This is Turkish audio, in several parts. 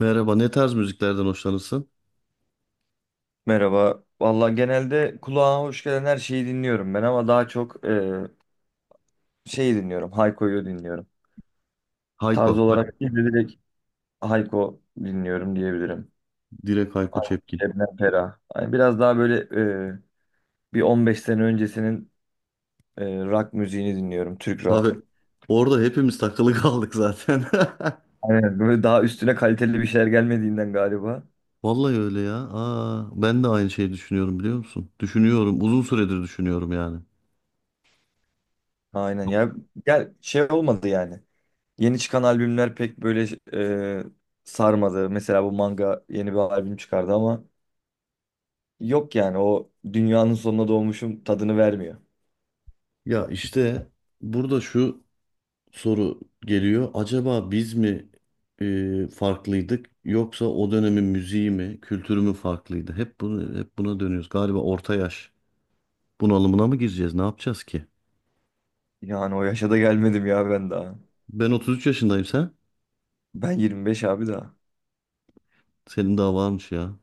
Merhaba, ne tarz müziklerden hoşlanırsın? Merhaba. Valla genelde kulağıma hoş gelen her şeyi dinliyorum ben ama daha çok şeyi dinliyorum. Hayko'yu dinliyorum. Tarz Hayko, bak olarak değil de direkt Hayko dinliyorum diyebilirim. direkt Hayko Hayko, Cepkin. Şebnem Ferah. Yani biraz daha böyle e, bir 15 sene öncesinin rock müziğini dinliyorum. Türk Tabii rock. orada hepimiz takılı kaldık zaten. Aynen böyle daha üstüne kaliteli bir şeyler gelmediğinden galiba. Vallahi öyle ya. Aa, ben de aynı şeyi düşünüyorum biliyor musun? Düşünüyorum, uzun süredir düşünüyorum yani. Aynen ya. Gel şey olmadı yani. Yeni çıkan albümler pek böyle e, sarmadı. Mesela bu Manga yeni bir albüm çıkardı ama yok yani o dünyanın sonuna doğmuşum tadını vermiyor. Ya işte burada şu soru geliyor. Acaba biz mi farklıydık yoksa o dönemin müziği mi, kültürü mü farklıydı? Hep bunu hep buna dönüyoruz. Galiba orta yaş bunalımına mı gireceğiz? Ne yapacağız ki? Yani o yaşa da gelmedim ya ben daha. Ben 33 yaşındayım, sen? Ben 25 abi daha. Senin daha varmış ya.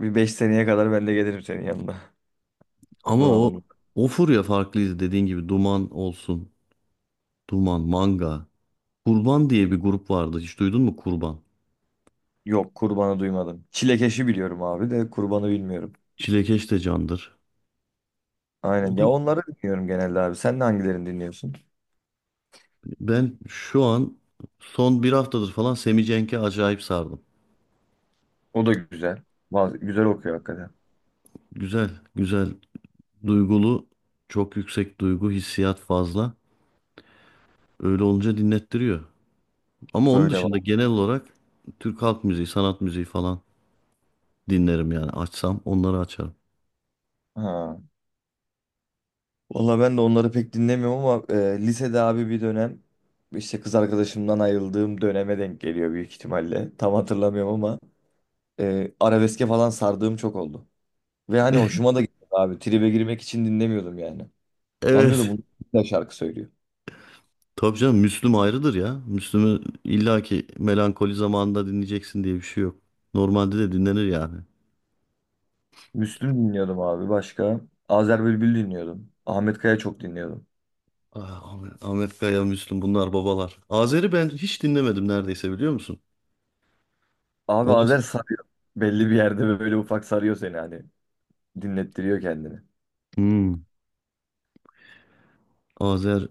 Bir 5 seneye kadar ben de gelirim senin yanına. Ama o Bunalımlık. o furya farklıydı dediğin gibi Duman olsun. Duman, Manga. Kurban diye bir grup vardı. Hiç duydun mu Kurban? Yok, kurbanı duymadım. Çilekeşi biliyorum abi de kurbanı bilmiyorum. Çilekeş de candır. O Aynen da ya, onları dinliyorum genelde abi. Sen de hangilerini dinliyorsun? ben şu an son bir haftadır falan Semi Cenk'e acayip sardım. O da güzel. Bazı, güzel okuyor hakikaten. Güzel, güzel, duygulu, çok yüksek duygu, hissiyat fazla. Öyle olunca dinlettiriyor. Ama onun Öyle dışında var. genel olarak Türk halk müziği, sanat müziği falan dinlerim yani açsam onları açarım. Ha. Valla ben de onları pek dinlemiyorum ama lisede abi bir dönem işte kız arkadaşımdan ayrıldığım döneme denk geliyor büyük ihtimalle. Tam hatırlamıyorum ama arabeske falan sardığım çok oldu. Ve hani hoşuma da gitti abi. Tribe girmek için dinlemiyordum yani. Lan diyordum Evet. bunu ne şarkı söylüyor. Tabii canım, Müslüm ayrıdır ya. Müslüm'ü illaki melankoli zamanında dinleyeceksin diye bir şey yok. Normalde de dinlenir yani. Müslüm dinliyordum abi başka. Azer Bülbül dinliyordum. Ahmet Kaya çok dinliyordum. Ah, Ahmet, Ahmet Kaya, Müslüm bunlar babalar. Azer'i ben hiç dinlemedim neredeyse, biliyor musun? Abi Onu... Azer sarıyor. Belli bir yerde böyle ufak sarıyor seni hani. Dinlettiriyor kendini. Hmm, Azer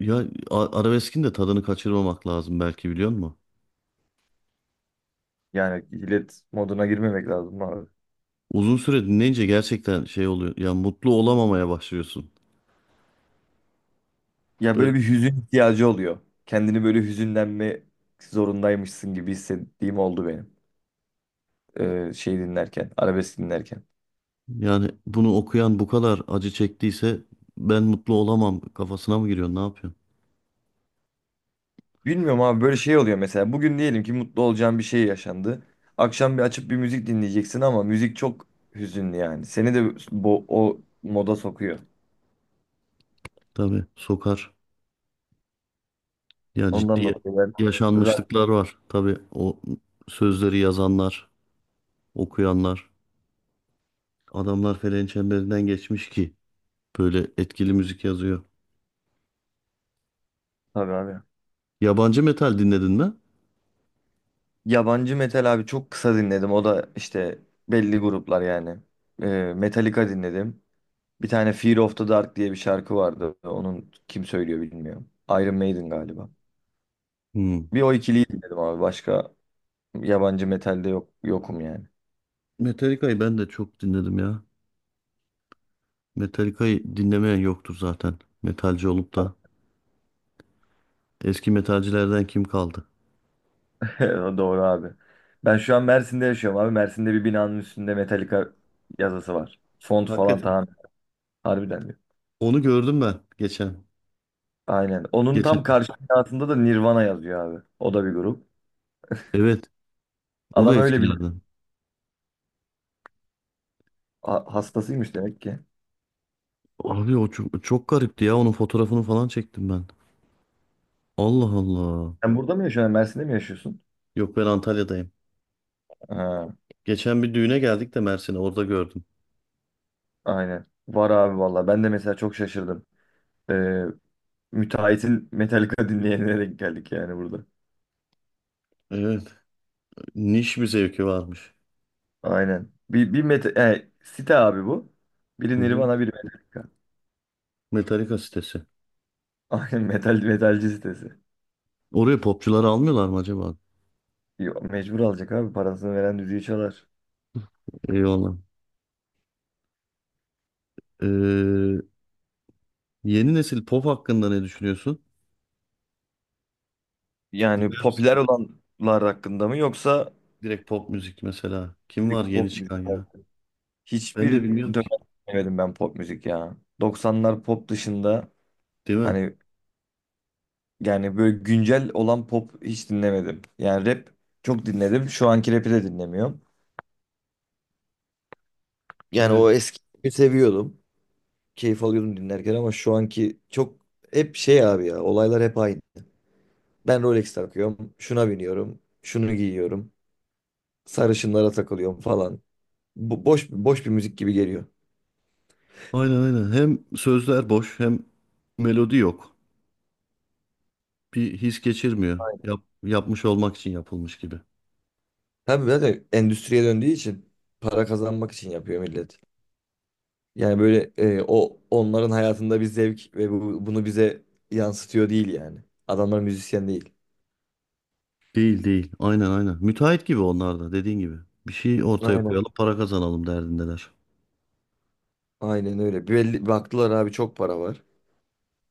ya a- arabeskin de tadını kaçırmamak lazım belki, biliyor musun? Yani illet moduna girmemek lazım abi. Uzun süre dinleyince gerçekten şey oluyor. Ya mutlu olamamaya başlıyorsun. Ya Böyle böyle bir hüzün ihtiyacı oluyor. Kendini böyle hüzünlenme zorundaymışsın gibi hissettiğim oldu benim. Şey dinlerken, arabesk dinlerken. yani, bunu okuyan bu kadar acı çektiyse ben mutlu olamam kafasına mı giriyorsun? Ne yapıyorsun? Bilmiyorum abi böyle şey oluyor mesela bugün diyelim ki mutlu olacağın bir şey yaşandı. Akşam bir açıp bir müzik dinleyeceksin ama müzik çok hüzünlü yani. Seni de bu o moda sokuyor. Tabii sokar. Ya Ondan ciddi dolayı ben rock yaşanmışlıklar var. Tabii o sözleri yazanlar, okuyanlar, adamlar feleğin çemberinden geçmiş ki böyle etkili müzik yazıyor. tabii abi. Yabancı metal dinledin mi? Yabancı metal abi çok kısa dinledim. O da işte belli gruplar yani. Metallica dinledim. Bir tane Fear of the Dark diye bir şarkı vardı. Onun kim söylüyor bilmiyorum. Iron Maiden galiba. Hmm. Bir o ikiliyi dinledim abi. Başka yabancı metalde yok yokum yani. Metallica'yı ben de çok dinledim ya. Metallica'yı dinlemeyen yoktur zaten. Metalci olup da. Eski metalcilerden kim kaldı? O doğru abi. Ben şu an Mersin'de yaşıyorum abi. Mersin'de bir binanın üstünde Metallica yazısı var. Font falan Hakikaten. tamam. Harbiden diyor. Onu gördüm ben geçen. Aynen. Onun tam Geçen. karşı binasında da Nirvana yazıyor abi. O da bir grup. Evet. O da Adam öyle bir eskilerden. Hastasıymış demek ki. Abi o çok, çok garipti ya. Onun fotoğrafını falan çektim ben. Allah Allah. Sen burada mı yaşıyorsun? Mersin'de mi yaşıyorsun? Yok, ben Antalya'dayım. Ha, Geçen bir düğüne geldik de Mersin'e, orada gördüm. aynen. Var abi valla. Ben de mesela çok şaşırdım. Ee, müteahhitin Metallica dinleyenlere denk geldik yani burada. Evet. Niş bir zevki varmış. Aynen. Bir meta site abi bu. Hı Biri hı. Nirvana, biri Metallica. Metallica sitesi. Aynen metal metalci sitesi. Oraya popçuları almıyorlar mı acaba? Yo, mecbur alacak abi parasını veren düdüğü çalar. Eyvallah. Ee, Yeni nesil pop hakkında ne düşünüyorsun? Yani Dinler misin? popüler olanlar hakkında mı yoksa Direkt pop müzik mesela. Kim var direkt yeni pop müzik? çıkan ya? Hakkı? Ben de Hiçbir bilmiyorum dönem ki. dinlemedim ben pop müzik ya. 90'lar pop dışında Değil mi? hani yani böyle güncel olan pop hiç dinlemedim. Yani rap çok dinledim. Şu anki rap'i de dinlemiyorum. Yani Evet. o eskiyi seviyordum. Keyif alıyordum dinlerken ama şu anki çok hep şey abi ya olaylar hep aynı. Ben Rolex takıyorum. Şuna biniyorum. Şunu giyiyorum. Sarışınlara takılıyorum falan. Bu boş boş bir müzik gibi geliyor. Aynen aynen. Hem sözler boş hem melodi yok. Bir his geçirmiyor. Yap, yapmış olmak için yapılmış gibi. Tabii zaten endüstriye döndüğü için para kazanmak için yapıyor millet. Yani böyle o onların hayatında bir zevk ve bunu bize yansıtıyor değil yani. Adamlar müzisyen değil. Değil değil. Aynen aynen. Müteahhit gibi onlar da dediğin gibi. Bir şey ortaya Aynen. koyalım para kazanalım derdindeler. Aynen öyle. Belli, baktılar abi çok para var.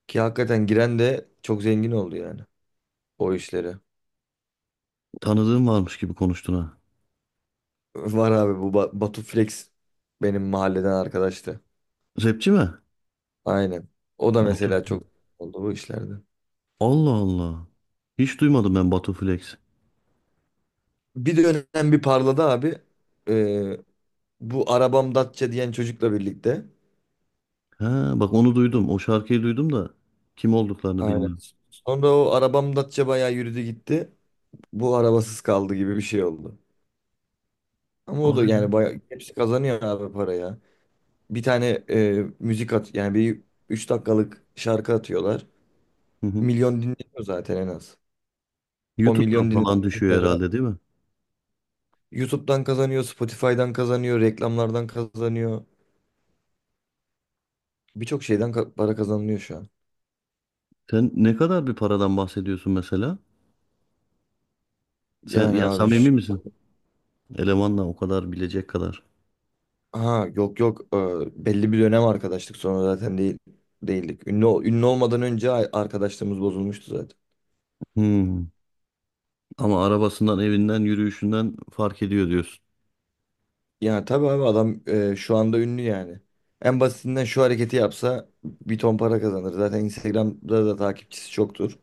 Ki hakikaten giren de çok zengin oldu yani o işlere. Tanıdığın varmış gibi konuştun ha. Var abi bu Batu Flex benim mahalleden arkadaştı. Rapçi mi? Aynen. O da Batu. mesela çok oldu bu işlerde. Allah Allah. Hiç duymadım ben Batu Flex. Bir dönem bir parladı abi. Ee, bu arabam Datça diyen çocukla birlikte. Ha bak, onu duydum. O şarkıyı duydum da kim olduklarını Aynen. bilmem. Sonra o arabam Datça bayağı yürüdü gitti. Bu arabasız kaldı gibi bir şey oldu. Ama o da yani Aynen. bayağı hepsi kazanıyor abi paraya. Bir tane müzik at yani bir 3 dakikalık şarkı atıyorlar. Hı hı. Milyon dinleniyor zaten en az. O YouTube'dan milyon falan düşüyor dinleniyor. herhalde, değil mi? YouTube'dan kazanıyor, Spotify'dan kazanıyor, reklamlardan kazanıyor. Birçok şeyden para kazanılıyor şu an. Sen ne kadar bir paradan bahsediyorsun mesela? Sen Yani ya abi samimi misin? Elemanla o kadar bilecek kadar. ha, yok, yok. Belli bir dönem arkadaşlık sonra zaten değil değildik. Ünlü olmadan önce arkadaşlığımız bozulmuştu zaten. Hmm. Ama arabasından, evinden, yürüyüşünden fark ediyor diyorsun. Yani tabii abi adam şu anda ünlü yani. En basitinden şu hareketi yapsa bir ton para kazanır. Zaten Instagram'da da takipçisi çoktur.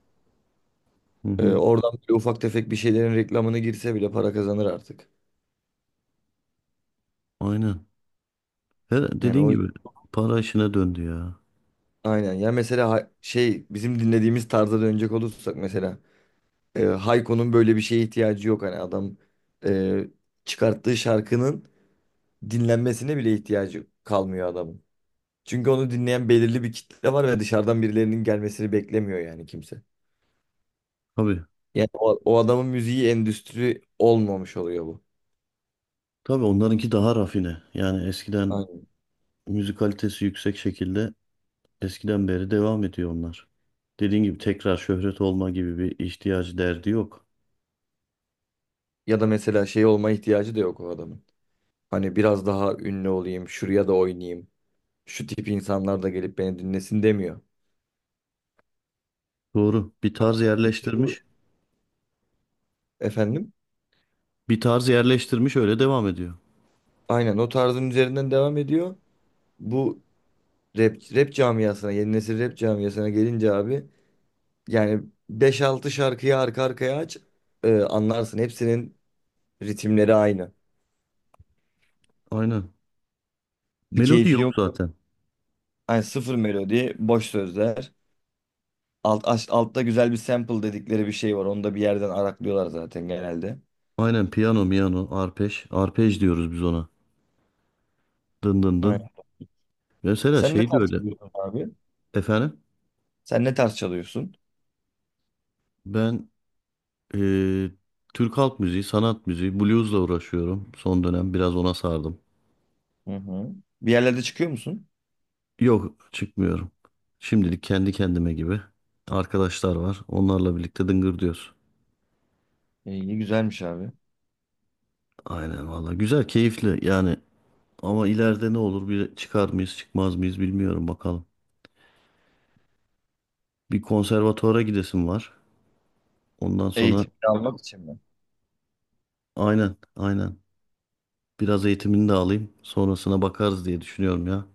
Hı hı. Oradan bile ufak tefek bir şeylerin reklamını girse bile para kazanır artık. Aynen. Her Yani dediğin o gibi para işine döndü ya. aynen. Ya mesela şey bizim dinlediğimiz tarza dönecek olursak mesela Hayko'nun böyle bir şeye ihtiyacı yok hani adam e, çıkarttığı şarkının dinlenmesine bile ihtiyacı kalmıyor adamın. Çünkü onu dinleyen belirli bir kitle var ve dışarıdan birilerinin gelmesini beklemiyor yani kimse. Tabii. Yani o adamın müziği endüstri olmamış oluyor bu. Tabii onlarınki daha rafine. Yani eskiden Aynen. müzik kalitesi yüksek şekilde eskiden beri devam ediyor onlar. Dediğin gibi tekrar şöhret olma gibi bir ihtiyacı derdi yok. Ya da mesela şey olma ihtiyacı da yok o adamın. Hani biraz daha ünlü olayım, şuraya da oynayayım. Şu tip insanlar da gelip beni dinlesin demiyor. Doğru. Bir tarz İşte bu yerleştirmiş. efendim. Bir tarz yerleştirmiş öyle devam ediyor. Aynen o tarzın üzerinden devam ediyor. Bu rap camiasına, yeni nesil rap camiasına gelince abi yani beş altı şarkıyı arka arkaya aç, anlarsın. Hepsinin ritimleri aynı. Aynen. Bir Melodi keyfi yok yok. zaten. Yani sıfır melodi, boş sözler. Altta güzel bir sample dedikleri bir şey var. Onu da bir yerden araklıyorlar zaten genelde. Aynen piyano, miyano, arpej. Arpej diyoruz biz ona. Dın dın dın. Aynen. Mesela Sen ne şey de tarz öyle. çalıyorsun abi? Efendim? Sen ne tarz çalıyorsun? Ben Ee, Türk halk müziği, sanat müziği, bluesla uğraşıyorum. Son dönem biraz ona sardım. Hı hı. Bir yerlerde çıkıyor musun? Yok, çıkmıyorum. Şimdilik kendi kendime gibi. Arkadaşlar var. Onlarla birlikte dıngır diyoruz. İyi, güzelmiş abi. Aynen valla. Güzel, keyifli yani. Ama ileride ne olur? Bir çıkar mıyız, çıkmaz mıyız bilmiyorum bakalım. Bir konservatuvara gidesim var. Ondan sonra Eğitim almak için mi? aynen, aynen. Biraz eğitimini de alayım. Sonrasına bakarız diye düşünüyorum ya.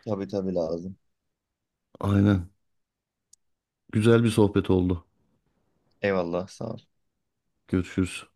Tabii tabii lazım. Aynen. Güzel bir sohbet oldu. Eyvallah, sağ ol. Görüşürüz.